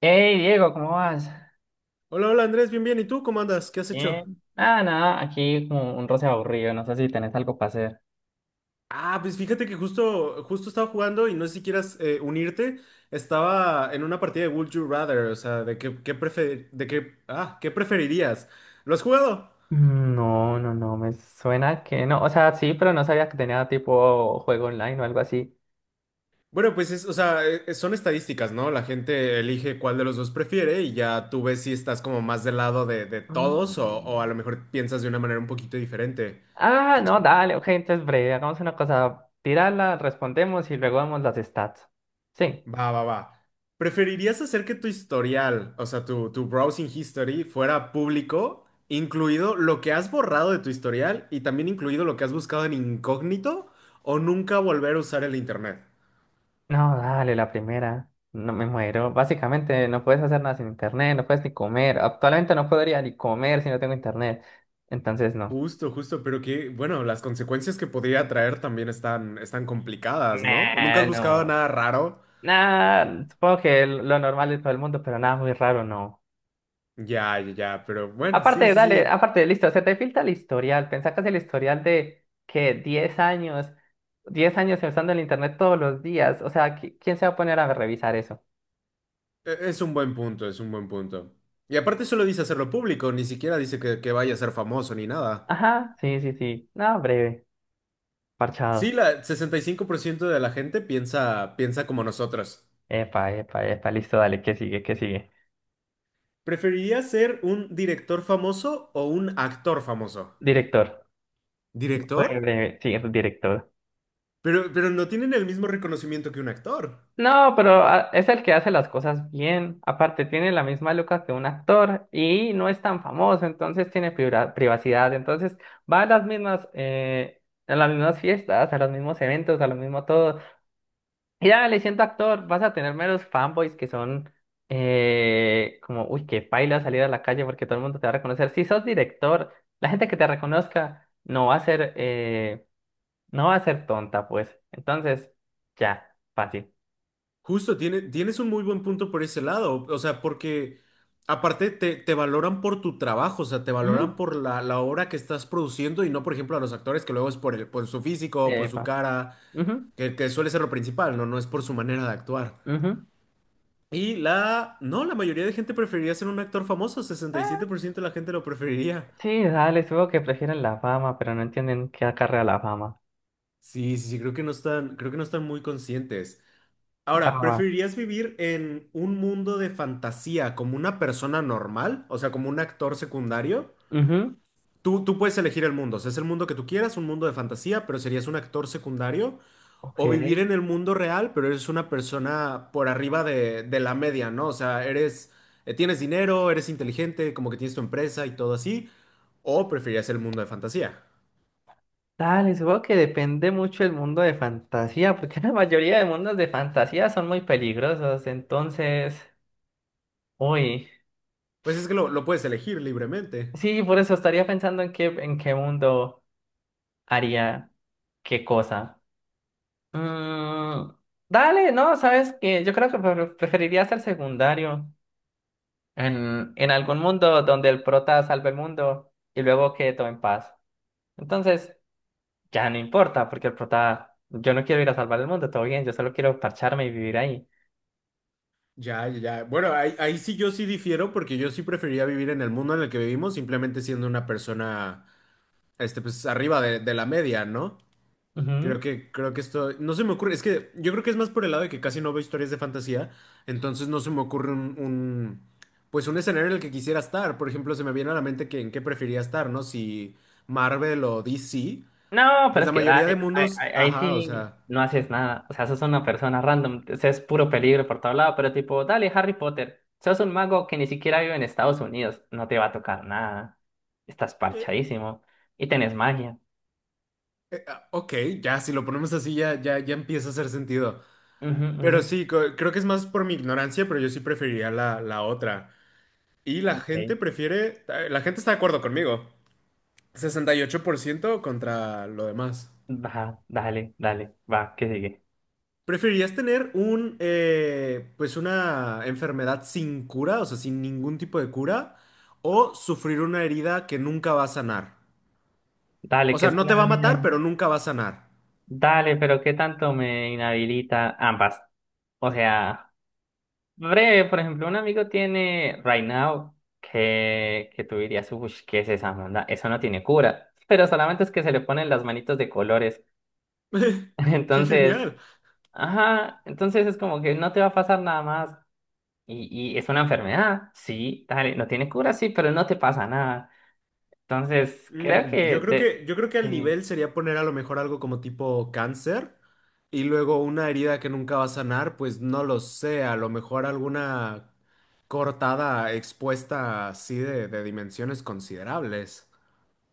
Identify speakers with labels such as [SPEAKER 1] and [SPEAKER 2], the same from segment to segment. [SPEAKER 1] Hey Diego, ¿cómo vas?
[SPEAKER 2] Hola, hola Andrés, bien, bien. ¿Y tú cómo andas? ¿Qué has hecho?
[SPEAKER 1] Bien. Nada, aquí como un roce aburrido, no sé si tenés algo para hacer.
[SPEAKER 2] Ah, pues fíjate que justo, justo estaba jugando y no sé si quieras unirte. Estaba en una partida de Would You Rather, o sea, de qué, qué prefer- de qué, ah, ¿qué preferirías? ¿Lo has jugado?
[SPEAKER 1] No, me suena que no. O sea, sí, pero no sabía que tenía tipo juego online o algo así.
[SPEAKER 2] Bueno, pues es, o sea, son estadísticas, ¿no? La gente elige cuál de los dos prefiere y ya tú ves si estás como más del lado de todos o
[SPEAKER 1] Mm.
[SPEAKER 2] a lo mejor piensas de una manera un poquito diferente. ¿Quieres
[SPEAKER 1] No,
[SPEAKER 2] jugar?
[SPEAKER 1] dale, ok, entonces breve, hagamos una cosa. Tírala, respondemos y luego vemos las stats. Sí.
[SPEAKER 2] Va, va, va. ¿Preferirías hacer que tu historial, o sea, tu browsing history, fuera público, incluido lo que has borrado de tu historial y también incluido lo que has buscado en incógnito, o nunca volver a usar el internet?
[SPEAKER 1] No, dale, la primera. No me muero. Básicamente no puedes hacer nada sin internet, no puedes ni comer. Actualmente no podría ni comer si no tengo internet. Entonces, no.
[SPEAKER 2] Justo, justo, pero que, bueno, las consecuencias que podría traer también están, están complicadas, ¿no? ¿Nunca has
[SPEAKER 1] Nah,
[SPEAKER 2] buscado
[SPEAKER 1] no.
[SPEAKER 2] nada raro?
[SPEAKER 1] Nada, supongo que lo normal de todo el mundo, pero nada muy raro, no.
[SPEAKER 2] Ya, ya, ya, pero bueno, sí,
[SPEAKER 1] Aparte,
[SPEAKER 2] sí,
[SPEAKER 1] dale,
[SPEAKER 2] sí.
[SPEAKER 1] aparte, listo, se te filtra el historial. Pensá que es el historial de que 10 años usando el internet todos los días. O sea, ¿quién se va a poner a revisar eso?
[SPEAKER 2] Es un buen punto, es un buen punto. Y aparte solo dice hacerlo público, ni siquiera dice que vaya a ser famoso ni nada.
[SPEAKER 1] Ajá, sí, sí, sí. No, breve,
[SPEAKER 2] Sí,
[SPEAKER 1] parchado.
[SPEAKER 2] la 65% de la gente piensa, piensa como nosotros.
[SPEAKER 1] Epa, epa, epa, listo, dale, ¿qué sigue? ¿Qué sigue?
[SPEAKER 2] ¿Preferirías ser un director famoso o un actor famoso?
[SPEAKER 1] Director. Fue
[SPEAKER 2] ¿Director?
[SPEAKER 1] breve, sí, director.
[SPEAKER 2] Pero no tienen el mismo reconocimiento que un actor.
[SPEAKER 1] No, pero es el que hace las cosas bien. Aparte, tiene la misma luca que un actor y no es tan famoso, entonces tiene privacidad. Entonces va a las mismas fiestas, a los mismos eventos, a lo mismo todo. Y ya le siento actor, vas a tener meros fanboys que son como, uy, qué paila salir a la calle porque todo el mundo te va a reconocer. Si sos director, la gente que te reconozca no va a ser, no va a ser tonta, pues. Entonces, ya, fácil.
[SPEAKER 2] Justo, tienes un muy buen punto por ese lado. O sea, porque aparte te valoran por tu trabajo, o sea, te valoran
[SPEAKER 1] Ujú.
[SPEAKER 2] por la obra que estás produciendo y no, por ejemplo, a los actores que luego es por por su físico, por su
[SPEAKER 1] Epa.
[SPEAKER 2] cara,
[SPEAKER 1] Ujú,
[SPEAKER 2] que suele ser lo principal, ¿no? No es por su manera de actuar.
[SPEAKER 1] ujú.
[SPEAKER 2] No, la mayoría de gente preferiría ser un actor famoso,
[SPEAKER 1] Ah,
[SPEAKER 2] 67% de la gente lo preferiría.
[SPEAKER 1] sí, dale, supongo que prefieren la fama, pero no entienden qué acarrea la fama.
[SPEAKER 2] Sí, sí, sí, creo que no están muy conscientes. Ahora,
[SPEAKER 1] Fama.
[SPEAKER 2] ¿preferirías vivir en un mundo de fantasía como una persona normal? O sea, como un actor secundario.
[SPEAKER 1] Ujú,
[SPEAKER 2] Tú puedes elegir el mundo, o sea, es el mundo que tú quieras, un mundo de fantasía, pero serías un actor secundario,
[SPEAKER 1] Ok.
[SPEAKER 2] o vivir en el mundo real, pero eres una persona por arriba de la media, ¿no? O sea, tienes dinero, eres inteligente, como que tienes tu empresa y todo así, o preferirías el mundo de fantasía.
[SPEAKER 1] Dale, supongo que depende mucho el mundo de fantasía, porque la mayoría de mundos de fantasía son muy peligrosos, entonces, uy,
[SPEAKER 2] Pues es que lo puedes elegir libremente.
[SPEAKER 1] sí, por eso estaría pensando en qué mundo haría qué cosa. Mm, dale, no, sabes que yo creo que preferiría ser secundario. En algún mundo donde el prota salve el mundo y luego quede todo en paz. Entonces, ya no importa, porque el prota, yo no quiero ir a salvar el mundo, todo bien, yo solo quiero parcharme y vivir ahí.
[SPEAKER 2] Ya, ya, ya. Bueno, ahí sí yo sí difiero, porque yo sí preferiría vivir en el mundo en el que vivimos, simplemente siendo una persona, este, pues arriba de la media, ¿no?
[SPEAKER 1] Ujú.
[SPEAKER 2] Creo que esto, no se me ocurre, es que yo creo que es más por el lado de que casi no veo historias de fantasía, entonces no se me ocurre un, pues un escenario en el que quisiera estar, por ejemplo, se me viene a la mente que en qué preferiría estar, ¿no? Si Marvel o DC,
[SPEAKER 1] No, pero
[SPEAKER 2] pues
[SPEAKER 1] es
[SPEAKER 2] la
[SPEAKER 1] que
[SPEAKER 2] mayoría de
[SPEAKER 1] dale,
[SPEAKER 2] mundos,
[SPEAKER 1] ahí
[SPEAKER 2] ajá, o
[SPEAKER 1] sí
[SPEAKER 2] sea,
[SPEAKER 1] no haces nada. O sea, sos una persona random, o sea, es puro peligro por todo lado, pero tipo, dale, Harry Potter, sos un mago que ni siquiera vive en Estados Unidos, no te va a tocar nada, estás
[SPEAKER 2] eh,
[SPEAKER 1] parchadísimo y tenés magia.
[SPEAKER 2] ok, ya, si lo ponemos así ya, ya, ya empieza a hacer sentido,
[SPEAKER 1] Ujú, ujú.
[SPEAKER 2] pero sí, creo que es más por mi ignorancia, pero yo sí preferiría la otra, y la
[SPEAKER 1] Ok.
[SPEAKER 2] gente prefiere, la gente está de acuerdo conmigo, 68% contra lo demás.
[SPEAKER 1] Va, dale, dale, va, que sigue.
[SPEAKER 2] ¿Preferirías tener un, pues una enfermedad sin cura, o sea, sin ningún tipo de cura, o sufrir una herida que nunca va a sanar? O
[SPEAKER 1] Dale, que
[SPEAKER 2] sea,
[SPEAKER 1] es
[SPEAKER 2] no te va
[SPEAKER 1] una...
[SPEAKER 2] a matar, pero nunca va a sanar.
[SPEAKER 1] Dale, pero ¿qué tanto me inhabilita ambas? O sea, breve, por ejemplo, un amigo tiene Right Now que tú dirías, uy, ¿qué es esa onda? Eso no tiene cura, pero solamente es que se le ponen las manitos de colores.
[SPEAKER 2] ¡Qué
[SPEAKER 1] Entonces,
[SPEAKER 2] genial!
[SPEAKER 1] ajá, entonces es como que no te va a pasar nada más. Y es una enfermedad, sí, dale, no tiene cura, sí, pero no te pasa nada. Entonces, creo
[SPEAKER 2] Mm,
[SPEAKER 1] que... De...
[SPEAKER 2] yo creo que al
[SPEAKER 1] sí.
[SPEAKER 2] nivel sería poner a lo mejor algo como tipo cáncer y luego una herida que nunca va a sanar, pues no lo sé, a lo mejor alguna cortada expuesta así de dimensiones considerables.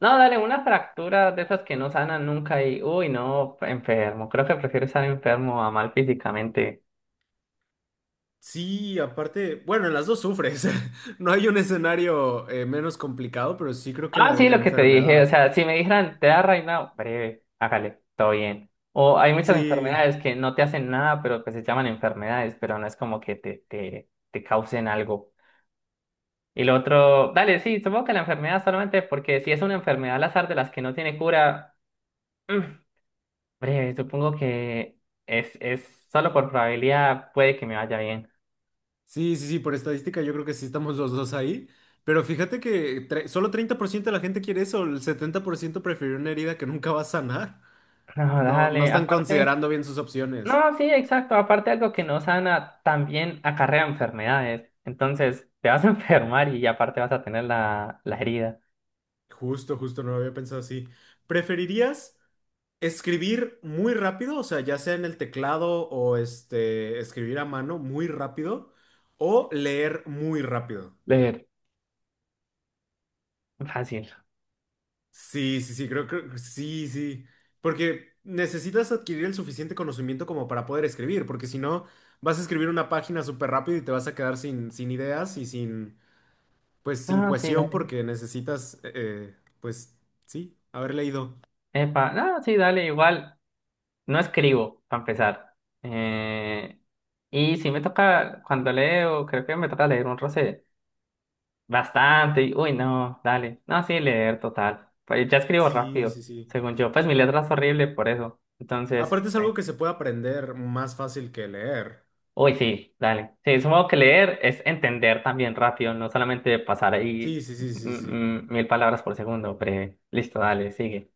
[SPEAKER 1] No, dale, una fractura de esas que no sanan nunca y, uy, no, enfermo. Creo que prefiero estar enfermo a mal físicamente.
[SPEAKER 2] Sí, aparte, bueno, en las dos sufres. No hay un escenario menos complicado, pero sí creo que
[SPEAKER 1] Ah,
[SPEAKER 2] la,
[SPEAKER 1] sí,
[SPEAKER 2] la
[SPEAKER 1] lo que te dije. O
[SPEAKER 2] enfermedad.
[SPEAKER 1] sea, si me dijeran, te da reinado, breve, hágale, todo bien. O hay muchas
[SPEAKER 2] Sí,
[SPEAKER 1] enfermedades que no te hacen nada, pero que se llaman enfermedades, pero no es como que te causen algo. Y lo otro, dale, sí, supongo que la enfermedad solamente porque si es una enfermedad al azar de las que no tiene cura, mm, breve, supongo que es solo por probabilidad puede que me vaya bien.
[SPEAKER 2] sí, sí, sí, por estadística yo creo que sí estamos los dos ahí. Pero fíjate que solo 30% de la gente quiere eso, el 70% prefirió una herida que nunca va a sanar.
[SPEAKER 1] No,
[SPEAKER 2] No, no
[SPEAKER 1] dale,
[SPEAKER 2] están
[SPEAKER 1] aparte,
[SPEAKER 2] considerando bien sus opciones.
[SPEAKER 1] no, sí, exacto, aparte algo que no sana también acarrea enfermedades, entonces te vas a enfermar y aparte vas a tener la herida.
[SPEAKER 2] Justo, justo, no lo había pensado así. ¿Preferirías? Escribir muy rápido, o sea, ya sea en el teclado o este, escribir a mano muy rápido o leer muy rápido.
[SPEAKER 1] Leer. Fácil.
[SPEAKER 2] Sí, sí, sí, creo que sí, sí, porque necesitas adquirir el suficiente conocimiento como para poder escribir, porque si no, vas a escribir una página súper rápido y te vas a quedar sin ideas y sin, pues, sin
[SPEAKER 1] No, sí,
[SPEAKER 2] cohesión
[SPEAKER 1] dale.
[SPEAKER 2] porque necesitas, pues, sí, haber leído.
[SPEAKER 1] Epa, no, sí, dale, igual, no escribo, para empezar. Eh, y si me toca, cuando leo, creo que me toca leer un roce bastante, y, uy, no, dale, no, sí, leer, total. Pues ya escribo
[SPEAKER 2] Sí, sí,
[SPEAKER 1] rápido,
[SPEAKER 2] sí.
[SPEAKER 1] según yo, pues mi letra es horrible por eso, entonces...
[SPEAKER 2] Aparte es algo que se puede aprender más fácil que leer.
[SPEAKER 1] Uy, sí, dale. Sí, supongo que leer es entender también rápido, no solamente pasar ahí
[SPEAKER 2] Sí, sí, sí, sí, sí.
[SPEAKER 1] mil palabras por segundo, pero listo, dale, sigue.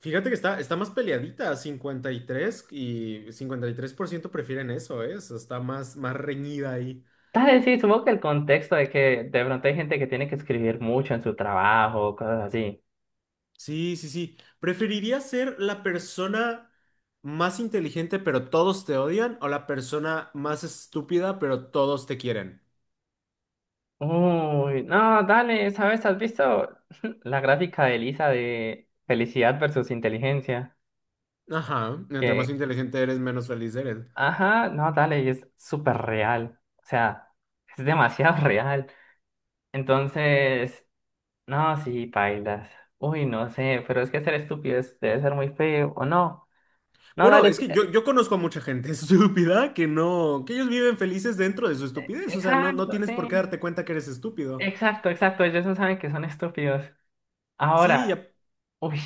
[SPEAKER 2] Fíjate que está, está más peleadita, cincuenta y tres tres y cincuenta por ciento prefieren eso, ¿eh? O sea, está más, más reñida ahí.
[SPEAKER 1] Dale, sí, supongo que el contexto de que de pronto hay gente que tiene que escribir mucho en su trabajo, cosas así.
[SPEAKER 2] Sí, sí, sí. ¿Preferirías ser la persona más inteligente pero todos te odian o la persona más estúpida pero todos te quieren?
[SPEAKER 1] Uy, no, dale, ¿sabes? ¿Has visto la gráfica de Elisa de felicidad versus inteligencia?
[SPEAKER 2] Ajá, entre más
[SPEAKER 1] Que,
[SPEAKER 2] inteligente eres, menos feliz eres.
[SPEAKER 1] ajá, no, dale, y es súper real. O sea, es demasiado real. Entonces... No, sí, pailas. Uy, no sé, pero es que ser estúpido debe ser muy feo, ¿o no? No,
[SPEAKER 2] Bueno,
[SPEAKER 1] dale,
[SPEAKER 2] es
[SPEAKER 1] sí,
[SPEAKER 2] que yo conozco a mucha gente estúpida que no, que ellos viven felices dentro de su estupidez, o sea, no, no
[SPEAKER 1] exacto,
[SPEAKER 2] tienes por qué
[SPEAKER 1] sí.
[SPEAKER 2] darte cuenta que eres estúpido.
[SPEAKER 1] Exacto, exacto, ellos no saben que son estúpidos.
[SPEAKER 2] Sí, y,
[SPEAKER 1] Ahora, uy,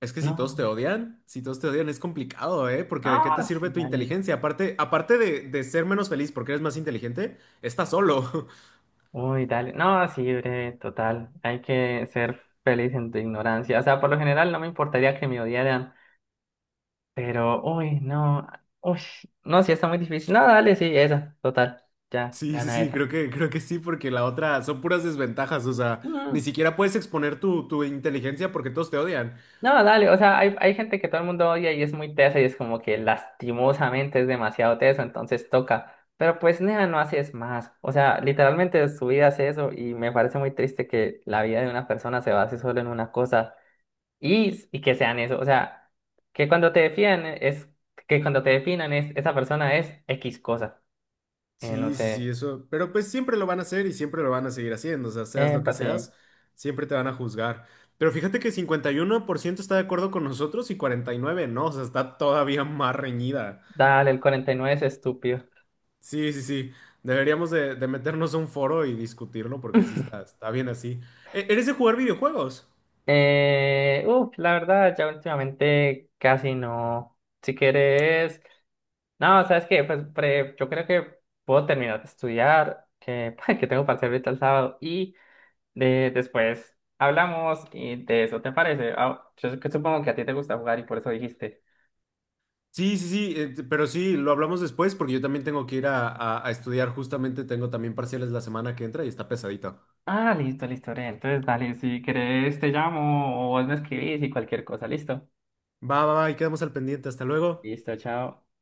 [SPEAKER 2] Es que
[SPEAKER 1] no.
[SPEAKER 2] si todos te odian es complicado, ¿eh? Porque ¿de qué te
[SPEAKER 1] No,
[SPEAKER 2] sirve
[SPEAKER 1] sí,
[SPEAKER 2] tu
[SPEAKER 1] dale.
[SPEAKER 2] inteligencia? Aparte, aparte de ser menos feliz porque eres más inteligente, estás solo.
[SPEAKER 1] Uy, dale. No, sí, breve, total. Hay que ser feliz en tu ignorancia. O sea, por lo general no me importaría que me odiaran, pero, uy, no. Uy, no, sí, está muy difícil. No, dale, sí, esa, total. Ya,
[SPEAKER 2] Sí, sí,
[SPEAKER 1] gana
[SPEAKER 2] sí,
[SPEAKER 1] esa.
[SPEAKER 2] creo que sí, porque la otra son puras desventajas, o sea, ni
[SPEAKER 1] Mm.
[SPEAKER 2] siquiera puedes exponer tu inteligencia porque todos te odian.
[SPEAKER 1] No, dale, o sea, hay gente que todo el mundo odia y es muy tesa y es como que lastimosamente es demasiado teso, entonces toca. Pero pues, nea, no haces más. O sea, literalmente su vida es eso y me parece muy triste que la vida de una persona se base solo en una cosa y que sean eso. O sea, que cuando te definan es, que cuando te definan es, esa persona es X cosa. No
[SPEAKER 2] Sí, sí, sí,
[SPEAKER 1] sé.
[SPEAKER 2] eso. Pero pues siempre lo van a hacer y siempre lo van a seguir haciendo, o sea, seas lo que
[SPEAKER 1] Pues sí.
[SPEAKER 2] seas, siempre te van a juzgar. Pero fíjate que 51% está de acuerdo con nosotros y 49% no, o sea, está todavía más reñida.
[SPEAKER 1] Dale, el 49 es estúpido.
[SPEAKER 2] Sí, sí, sí. Deberíamos de meternos a un foro y discutirlo porque sí está, está bien así. ¿Eres de jugar videojuegos?
[SPEAKER 1] Uf, la verdad, ya últimamente casi no. Si quieres, no, ¿sabes qué? Pues yo creo que puedo terminar de estudiar, que, que tengo parcial ahorita el sábado, y de, después hablamos y de eso, ¿te parece? Ah, yo sé que supongo que a ti te gusta jugar y por eso dijiste.
[SPEAKER 2] Sí, sí, sí, pero sí, lo hablamos después porque yo también tengo que ir a, a estudiar justamente, tengo también parciales la semana que entra y está pesadito.
[SPEAKER 1] Ah, listo, listo, Ore, entonces, dale, si quieres, te llamo o vos me escribís y cualquier cosa, listo.
[SPEAKER 2] Va, va, va, y quedamos al pendiente. Hasta luego.
[SPEAKER 1] Listo, chao.